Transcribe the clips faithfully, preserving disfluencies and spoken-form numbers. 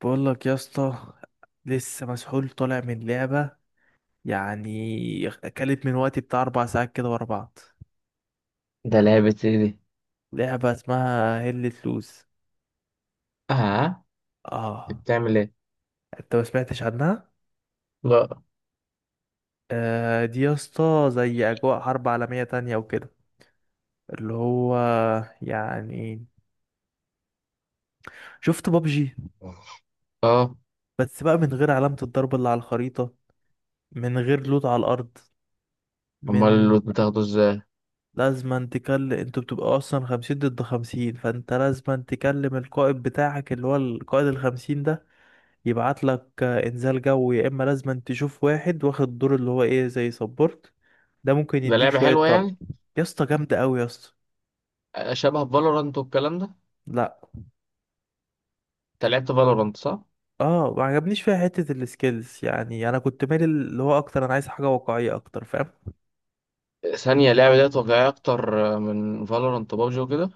بقول لك يا اسطى. لسه مسحول طالع من لعبة، يعني اكلت من وقتي بتاع اربع ساعات كده ورا بعض. ده لعبة ايه دي؟ لعبة اسمها هيلة لوز. اه اه، انت بتعمل ايه؟ انت ما سمعتش عنها. لا. آه، دي يا اسطى زي اجواء حرب عالمية تانية وكده، اللي هو يعني شفت بابجي، اه. بس بقى من غير علامة الضرب اللي على الخريطة، من غير لوت على الارض. امال من اللوت بتاخده ازاي؟ لازم أن تكلم، انتوا بتبقوا اصلا خمسين ضد خمسين، فانت لازم أن تكلم القائد بتاعك اللي هو القائد الخمسين ده، يبعت لك آه، انزال جو، يا اما لازم أن تشوف واحد واخد دور اللي هو ايه زي سبورت، ده ممكن ده يديك لعبة شوية حلوة طلب. يعني؟ يا اسطى جامدة قوي يا اسطى. آه، شبه فالورانت والكلام ده؟ لا. انت لعبت فالورانت صح؟ اه، ما عجبنيش فيها حتة السكيلز، يعني انا كنت مالي اللي هو اكتر، انا عايز حاجة واقعية اكتر فاهم. ثانية اللعبة دي واقعية أكتر، آه، من فالورانت وبابجي وكده؟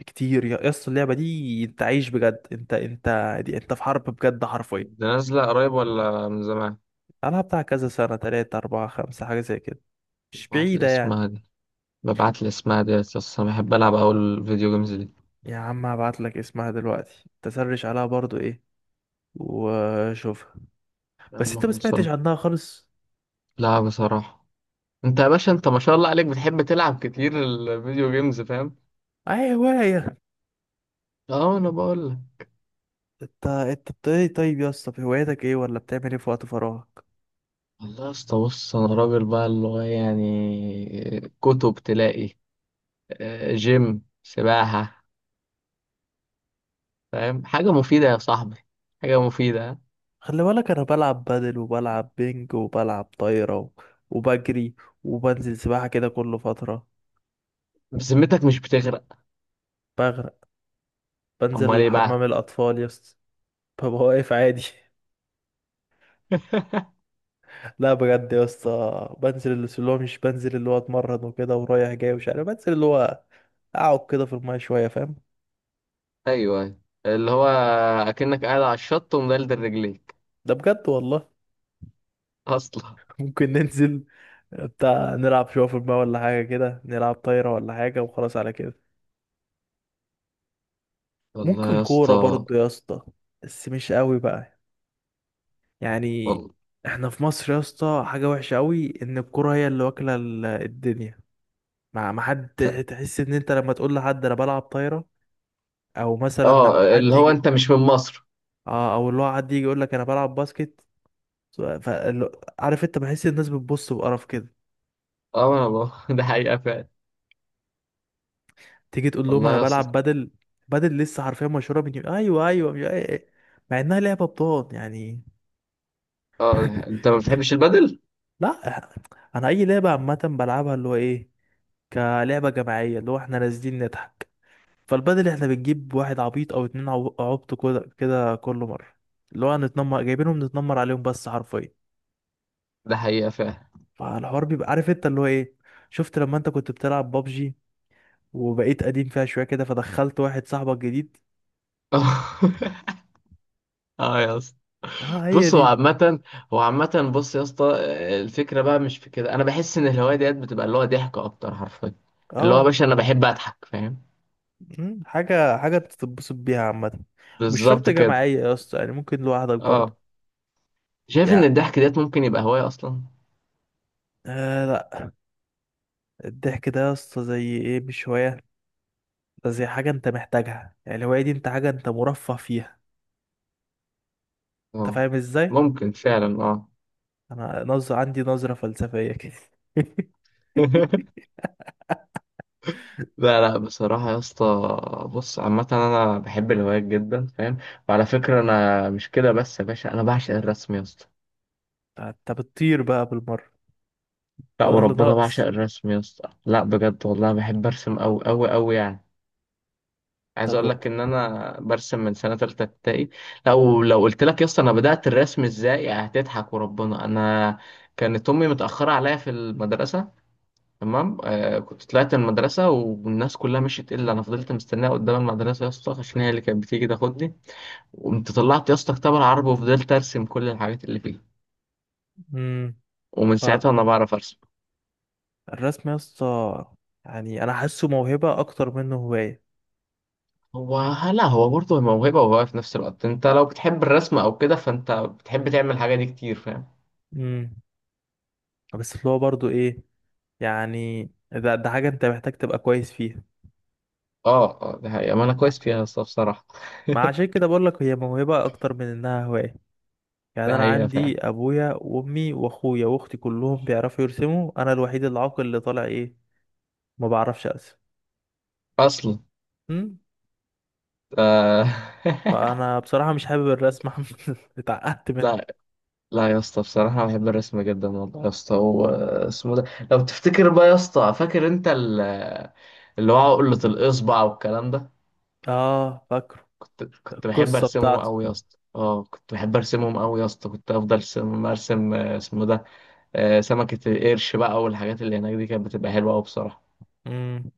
بكتير يا يا اسطى، اللعبة دي انت عايش بجد، انت انت دي انت في حرب بجد حرفيا. ده نازلة قريب ولا من زمان؟ ألعب بتاع كذا سنة تلاتة أربعة خمسة حاجة زي كده، مش ببعت لي بعيدة يعني. اسمها دي. ببعت لي اسمها دي، بس أنا بحب ألعب أوي الفيديو جيمز دي. يا عم هبعت لك اسمها دلوقتي، تسرش عليها برضو ايه وشوفها. يا بس عم انت ما سمعتش خلصنا. عنها خالص. لا بصراحة. أنت يا باشا أنت ما شاء الله عليك بتحب تلعب كتير الفيديو جيمز، فاهم؟ اي هواية. اه أنا بقول لك. انت انت بت- ايه طيب، يا اسطى في هوايتك ايه، ولا بتعمل ايه في وقت فراغك؟ والله يا اسطى بص انا راجل بقى، اللي هو يعني كتب تلاقي، آه، جيم، سباحة، فاهم؟ حاجة مفيدة يا صاحبي، حاجة مفيدة. خلي بالك انا بلعب بادل، وبلعب بينج، وبلعب طايرة، و- وبجري، وبنزل سباحة كده كل فترة. بذمتك مش بتغرق؟ بغرق. امال بنزل ايه حمام بقى؟ الاطفال يا اسطى. ببقى واقف عادي. لا بجد يا اسطى، بنزل اللي اللي هو، مش، بنزل اللي هو اتمرن وكده ورايح جاي ومش عارف، بنزل اللي هو اقعد كده في المايه شويه فاهم. ايوه أيوة. اللي هو اكنك قاعد على الشط ومدلدل رجليك ده بجد والله. اصلا. ممكن ننزل بتاع، نلعب شويه في المايه، ولا حاجه كده نلعب طايره ولا حاجه وخلاص على كده. والله ممكن يا كوره اسطى. برضه يا اسطى، بس مش قوي بقى، يعني. والله. احنا في مصر يا اسطى حاجه وحشه قوي ان الكوره هي اللي واكله ال- الدنيا. مع ما حد، تحس ان انت لما تقول لحد انا بلعب طايره، او مثلا لما اه، حد اللي هو يجي، انت مش من مصر. اه، او اللي هو حد يجي يقول لك انا بلعب باسكت، ف... فال- عارف انت بحس الناس بتبص بقرف كده. اه انا بقى. ده حقيقة فعلا. تيجي تقول لهم والله انا يا بلعب اسطى. بدل، بدل لسه حرفيا مشهوره من يوم، ايوه ايوه، مش- أي- مع انها لعبه بطال يعني. اه انت ما بتحبش البدل. لا، إح- انا اي لعبه عامه بلعبها اللي هو ايه، كلعبه جماعيه اللي هو احنا نازلين نضحك. فالبدل احنا بنجيب واحد عبيط او اتنين عو- عبط كده كده كل مره، اللي هو هنتنمر، جايبينهم نتنمر عليهم بس حرفيا. ده حقيقة فعلا. فالحوار بيبقى عارف انت اللي هو ايه. شفت لما انت كنت بتلعب بابجي وبقيت قديم فيها شويه كده، فدخلت واحد صاحبك جديد. اه يا اسطى. اه، هي بص هو دي. عامة، هو عامة، بص يا اسطى، آه، الفكرة بقى مش في كده، أنا بحس إن الهواية ديت بتبقى اللي هو ضحك أكتر حرفيا. اللي هو يا اه، باشا أنا بحب أضحك، فاهم؟ مم، حاجة حاجة تتبسط بيها عامة. مش شرط بالظبط كده. جماعية يا اسطى، يعني ممكن لوحدك برضه. أه. شايف إن يعني الضحك ديت ممكن يبقى هواية أصلا؟ آه لا، الضحك ده يا اسطى زي ايه مش هواية، ده زي حاجة انت محتاجها، يعني الهواية دي انت حاجة انت مرفه فيها. انت أه، فاهم ازاي؟ ممكن فعلا أه. انا نظر عندي نظرة فلسفية كده. لا لا بصراحة يا اسطى. بص عامة أنا بحب الهوايات جدا، فاهم؟ وعلى فكرة أنا مش كده بس يا باشا، أنا بعشق الرسم يا اسطى. انت بتطير بقى بالمرة. لا ما ده اللي وربنا بعشق ناقص. الرسم يا اسطى، لا بجد والله بحب أرسم أوي أوي أوي يعني. عايز طب. اقول لك ان انا برسم من سنه تالته ابتدائي. لو لو قلت لك يا اسطى انا بدات الرسم ازاي هتضحك وربنا. انا كانت امي متاخره عليا في المدرسه، تمام؟ آه، كنت طلعت من المدرسه والناس كلها مشيت الا انا، فضلت مستناها قدام المدرسه يا اسطى عشان هي اللي كانت بتيجي تاخدني. وقمت طلعت يا اسطى كتاب العربي وفضلت ارسم كل الحاجات اللي فيه. امم. ومن ساعتها انا بعرف ارسم. فالرسم يا اسطى، يعني انا حاسه موهبة اكتر منه هواية. هو، لا هو برضه موهبه، وهو في نفس الوقت انت لو بتحب الرسم او كده فانت بتحب تعمل الحاجه دي كتير، فاهم؟ امم. بس اللي هو برضه ايه، يعني ده ده حاجة انت محتاج تبقى كويس فيها. اه اه، ده حقيقة، ما انا مع كويس فيها الصراحة بصراحة. مع عشان كده بقول لك هي موهبة اكتر من انها هواية، يعني ده انا حقيقة فعلا عندي ابويا وامي واخويا واختي كلهم بيعرفوا يرسموا، انا الوحيد العاقل اللي طالع ايه، ما بعرفش ارسم. اصلا. أمم. آه. فانا بصراحة مش حابب الرسم، اتعقدت منه. لا لا يا اسطى بصراحة بحب الرسم جدا والله يا اسطى، واسمه ده. لو تفتكر بقى يا اسطى، فاكر انت ال- اللي هو عقلة الإصبع والكلام ده؟ اه، فاكره كنت كنت بحب القصة ارسمهم بتاعته. قوي يا اسطى، اه كنت بحب ارسمهم قوي يا اسطى، كنت افضل ارسم ارسم آه، اسمه ده، آه، سمكة القرش بقى، والحاجات اللي هناك دي كانت بتبقى حلوة قوي بصراحة. امم.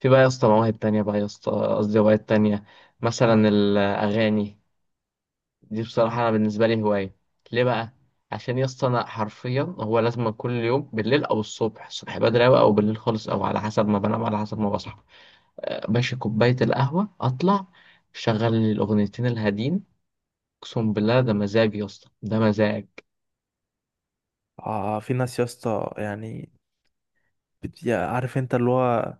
في بقى يا اسطى مواهب تانية بقى يا اسطى، قصدي هوايات تانية. مثلا الأغاني، دي بصراحة أنا بالنسبة لي هواية. ليه بقى؟ عشان يا اسطى أنا حرفيا، هو لازم كل يوم بالليل أو الصبح، الصبح بدري أوي أو بالليل خالص، أو على حسب ما بنام على حسب ما بصحى، آه، باشا كوباية القهوة أطلع شغل لي الأغنيتين الهادين. أقسم بالله ده مزاج يا اسطى، ده مزاج. اه، في ناس يا اسطى، يعني بت- يا- عارف انت اللي هو،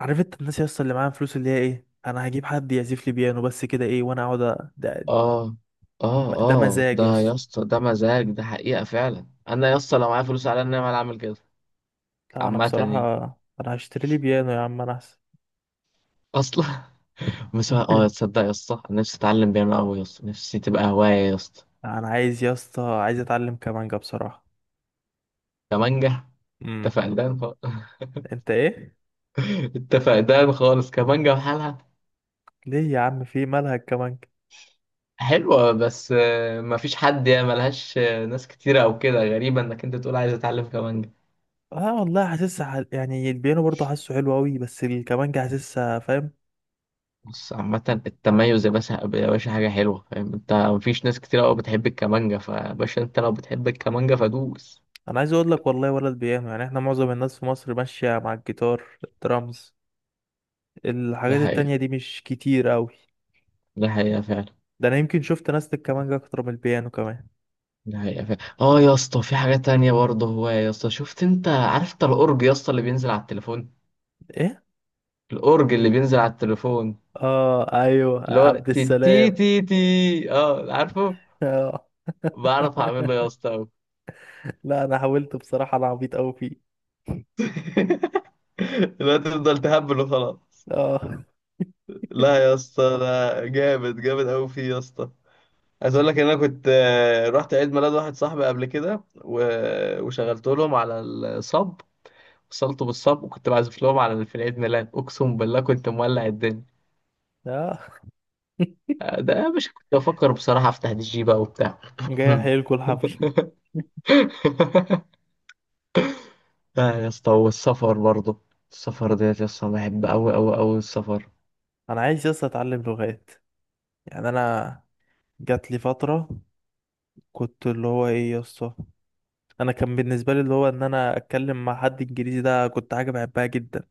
عارف انت الناس يا اسطى اللي معاها فلوس، اللي هي ايه، انا هجيب حد يعزف لي بيانو بس كده ايه وانا اقعد. آه. م- آه ده آه مزاج يا ده يا اسطى. اسطى ده مزاج، ده حقيقة فعلا. أنا يا اسطى لو معايا فلوس على النعمة أنا أعمل كده. لا انا عامة يعني. بصراحه، انا هشتري لي بيانو يا عم انا احسن. أصلا. بس هو- اه تصدق يا اسطى أنا نفسي اتعلم بيانو قوي يا اسطى، نفسي تبقى هواية يا اسطى. انا عايز يا اسطى، عايز اتعلم كمانجا بصراحه. كمانجا؟ امم. انت فقدان خالص. انت ايه؟ انت فقدان خالص، كمانجا بحالها. ليه يا عم، في مالها الكمانجا؟ حلوة بس، آه، مفيش حد يعني، ملهاش آه، ناس كتيرة او كده، غريبة انك انت تقول عايز اتعلم كمانجا. اه والله حاسسها ح- يعني البيانو برضه حاسه حلو قوي، بس الكمانجا حاسسها فاهم. بص عامة التميز يا باشا، يا باشا حاجة حلوة، فاهم؟ انت مفيش ناس كتيرة قوي بتحب الكمانجا، فباشا انت لو بتحب الكمانجا فدوس. انا عايز اقول لك والله، ولا البيانو يعني، احنا معظم الناس في مصر ماشيه مع الجيتار الدرامز، ده الحاجات حقيقة، التانية دي مش كتير قوي. ده حقيقة فعلا. ده انا يمكن شفت ناس الكمانجا اكتر من البيانو كمان. ده حقيقة فعلا. اه يا اسطى في حاجة تانية برضه، هو يا اسطى شفت انت، عارف انت الأورج يا اسطى اللي بينزل على التليفون؟ ايه؟ الأورج اللي بينزل على التليفون، اه ايوه، اللي هو عبد تي تي السلام. تي تي، اه عارفه؟ اه. بعرف اعمله يا اسطى أوي. لا انا حاولت بصراحه، انا عبيط قوي فيه. لا تفضل تهبل وخلاص. اه. لا يا اسطى ده جامد جامد قوي فيه يا اسطى. عايز اقول لك ان انا كنت، آه، رحت عيد ميلاد واحد صاحبي قبل كده، و- وشغلت لهم على الصب، وصلته بالصب وكنت بعزف لهم على في العيد ميلاد، اقسم بالله كنت مولع الدنيا. اه، ده يا باشا كنت بفكر بصراحة أفتح دي جي بقى وبتاع. جاي احيلكوا الحفل. لا يا اسطى، والسفر برضه، السفر ديت يا اسطى بحب أوي أوي أوي السفر. انا عايز يس اتعلم لغات، يعني انا جات لي فتره كنت اللي هو ايه يس، انا كان بالنسبه لي اللي هو ان انا اتكلم مع حد انجليزي، ده كنت حاجه بحبها جدا.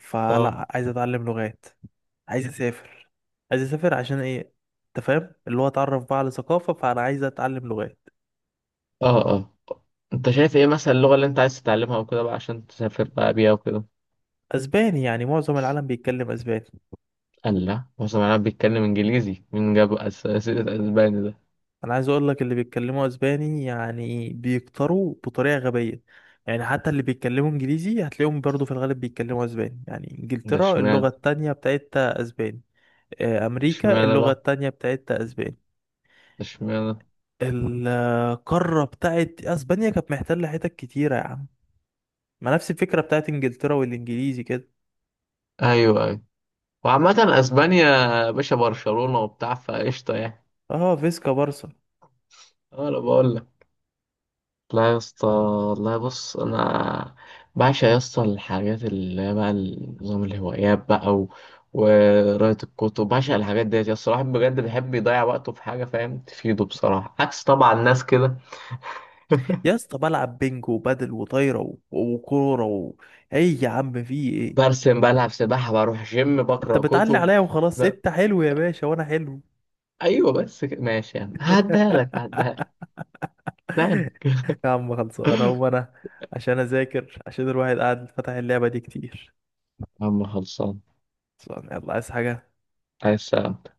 فلا، اه عايز اتعلم لغات، عايز اسافر. عايز اسافر عشان ايه؟ انت فاهم، اللي هو اتعرف بقى على ثقافه، فانا عايز اتعلم لغات. اه اه انت شايف ايه مثلا اللغة اللي انت عايز تتعلمها وكده بقى، عشان تسافر بقى بيها وكده؟ اسباني، يعني معظم العالم بيتكلم اسباني. قال لا، هو سمعناه بيتكلم انجليزي، مين جاب أس- اسئلة اسباني ده؟ انا عايز اقول لك، اللي بيتكلموا اسباني يعني بيكتروا بطريقه غبيه، يعني حتى اللي بيتكلموا انجليزي هتلاقيهم برضو في الغالب بيتكلموا اسباني، يعني ده انجلترا اللغه اشمعنى؟ التانية بتاعتها اسباني، آه، امريكا اشمعنى اللغه بقى؟ التانية بتاعتها اسباني. اشمعنى؟ القاره بتاعت اسبانيا كانت محتله حتت كتيره يا عم، ما نفس الفكره بتاعت انجلترا والانجليزي كده. ايوه ايوه. وعامة اسبانيا يا باشا، برشلونة وبتاع، فقشطة يعني. اه، فيسكا بارسا. اه انا بقول. لا يا اسطى والله، بص انا بعشق يا اسطى الحاجات اللي هي بقى، نظام الهوايات بقى، و... وقراية الكتب، بعشق الحاجات ديت يا اسطى، الواحد بجد بيحب يضيع وقته في حاجة فاهم تفيده بصراحة، عكس طبعا ناس كده. يا اسطى بلعب بينج وبادل وطايره و- وكوره و... ايه يا عم في ايه؟ برسم، بلعب سباحة، بروح جيم، انت بقرأ بتعلي كتب. عليا وخلاص، لا. انت حلو يا باشا وانا حلو. ايوه بس كده ماشي يعني، هعديها لك هعديها لك. لا لا. يا عم خلصوا، انا هو انا عشان اذاكر، عشان الواحد قاعد فتح اللعبة دي كتير. يا عم خلصان. خلصان، يلا عايز حاجة. عايز سلامة.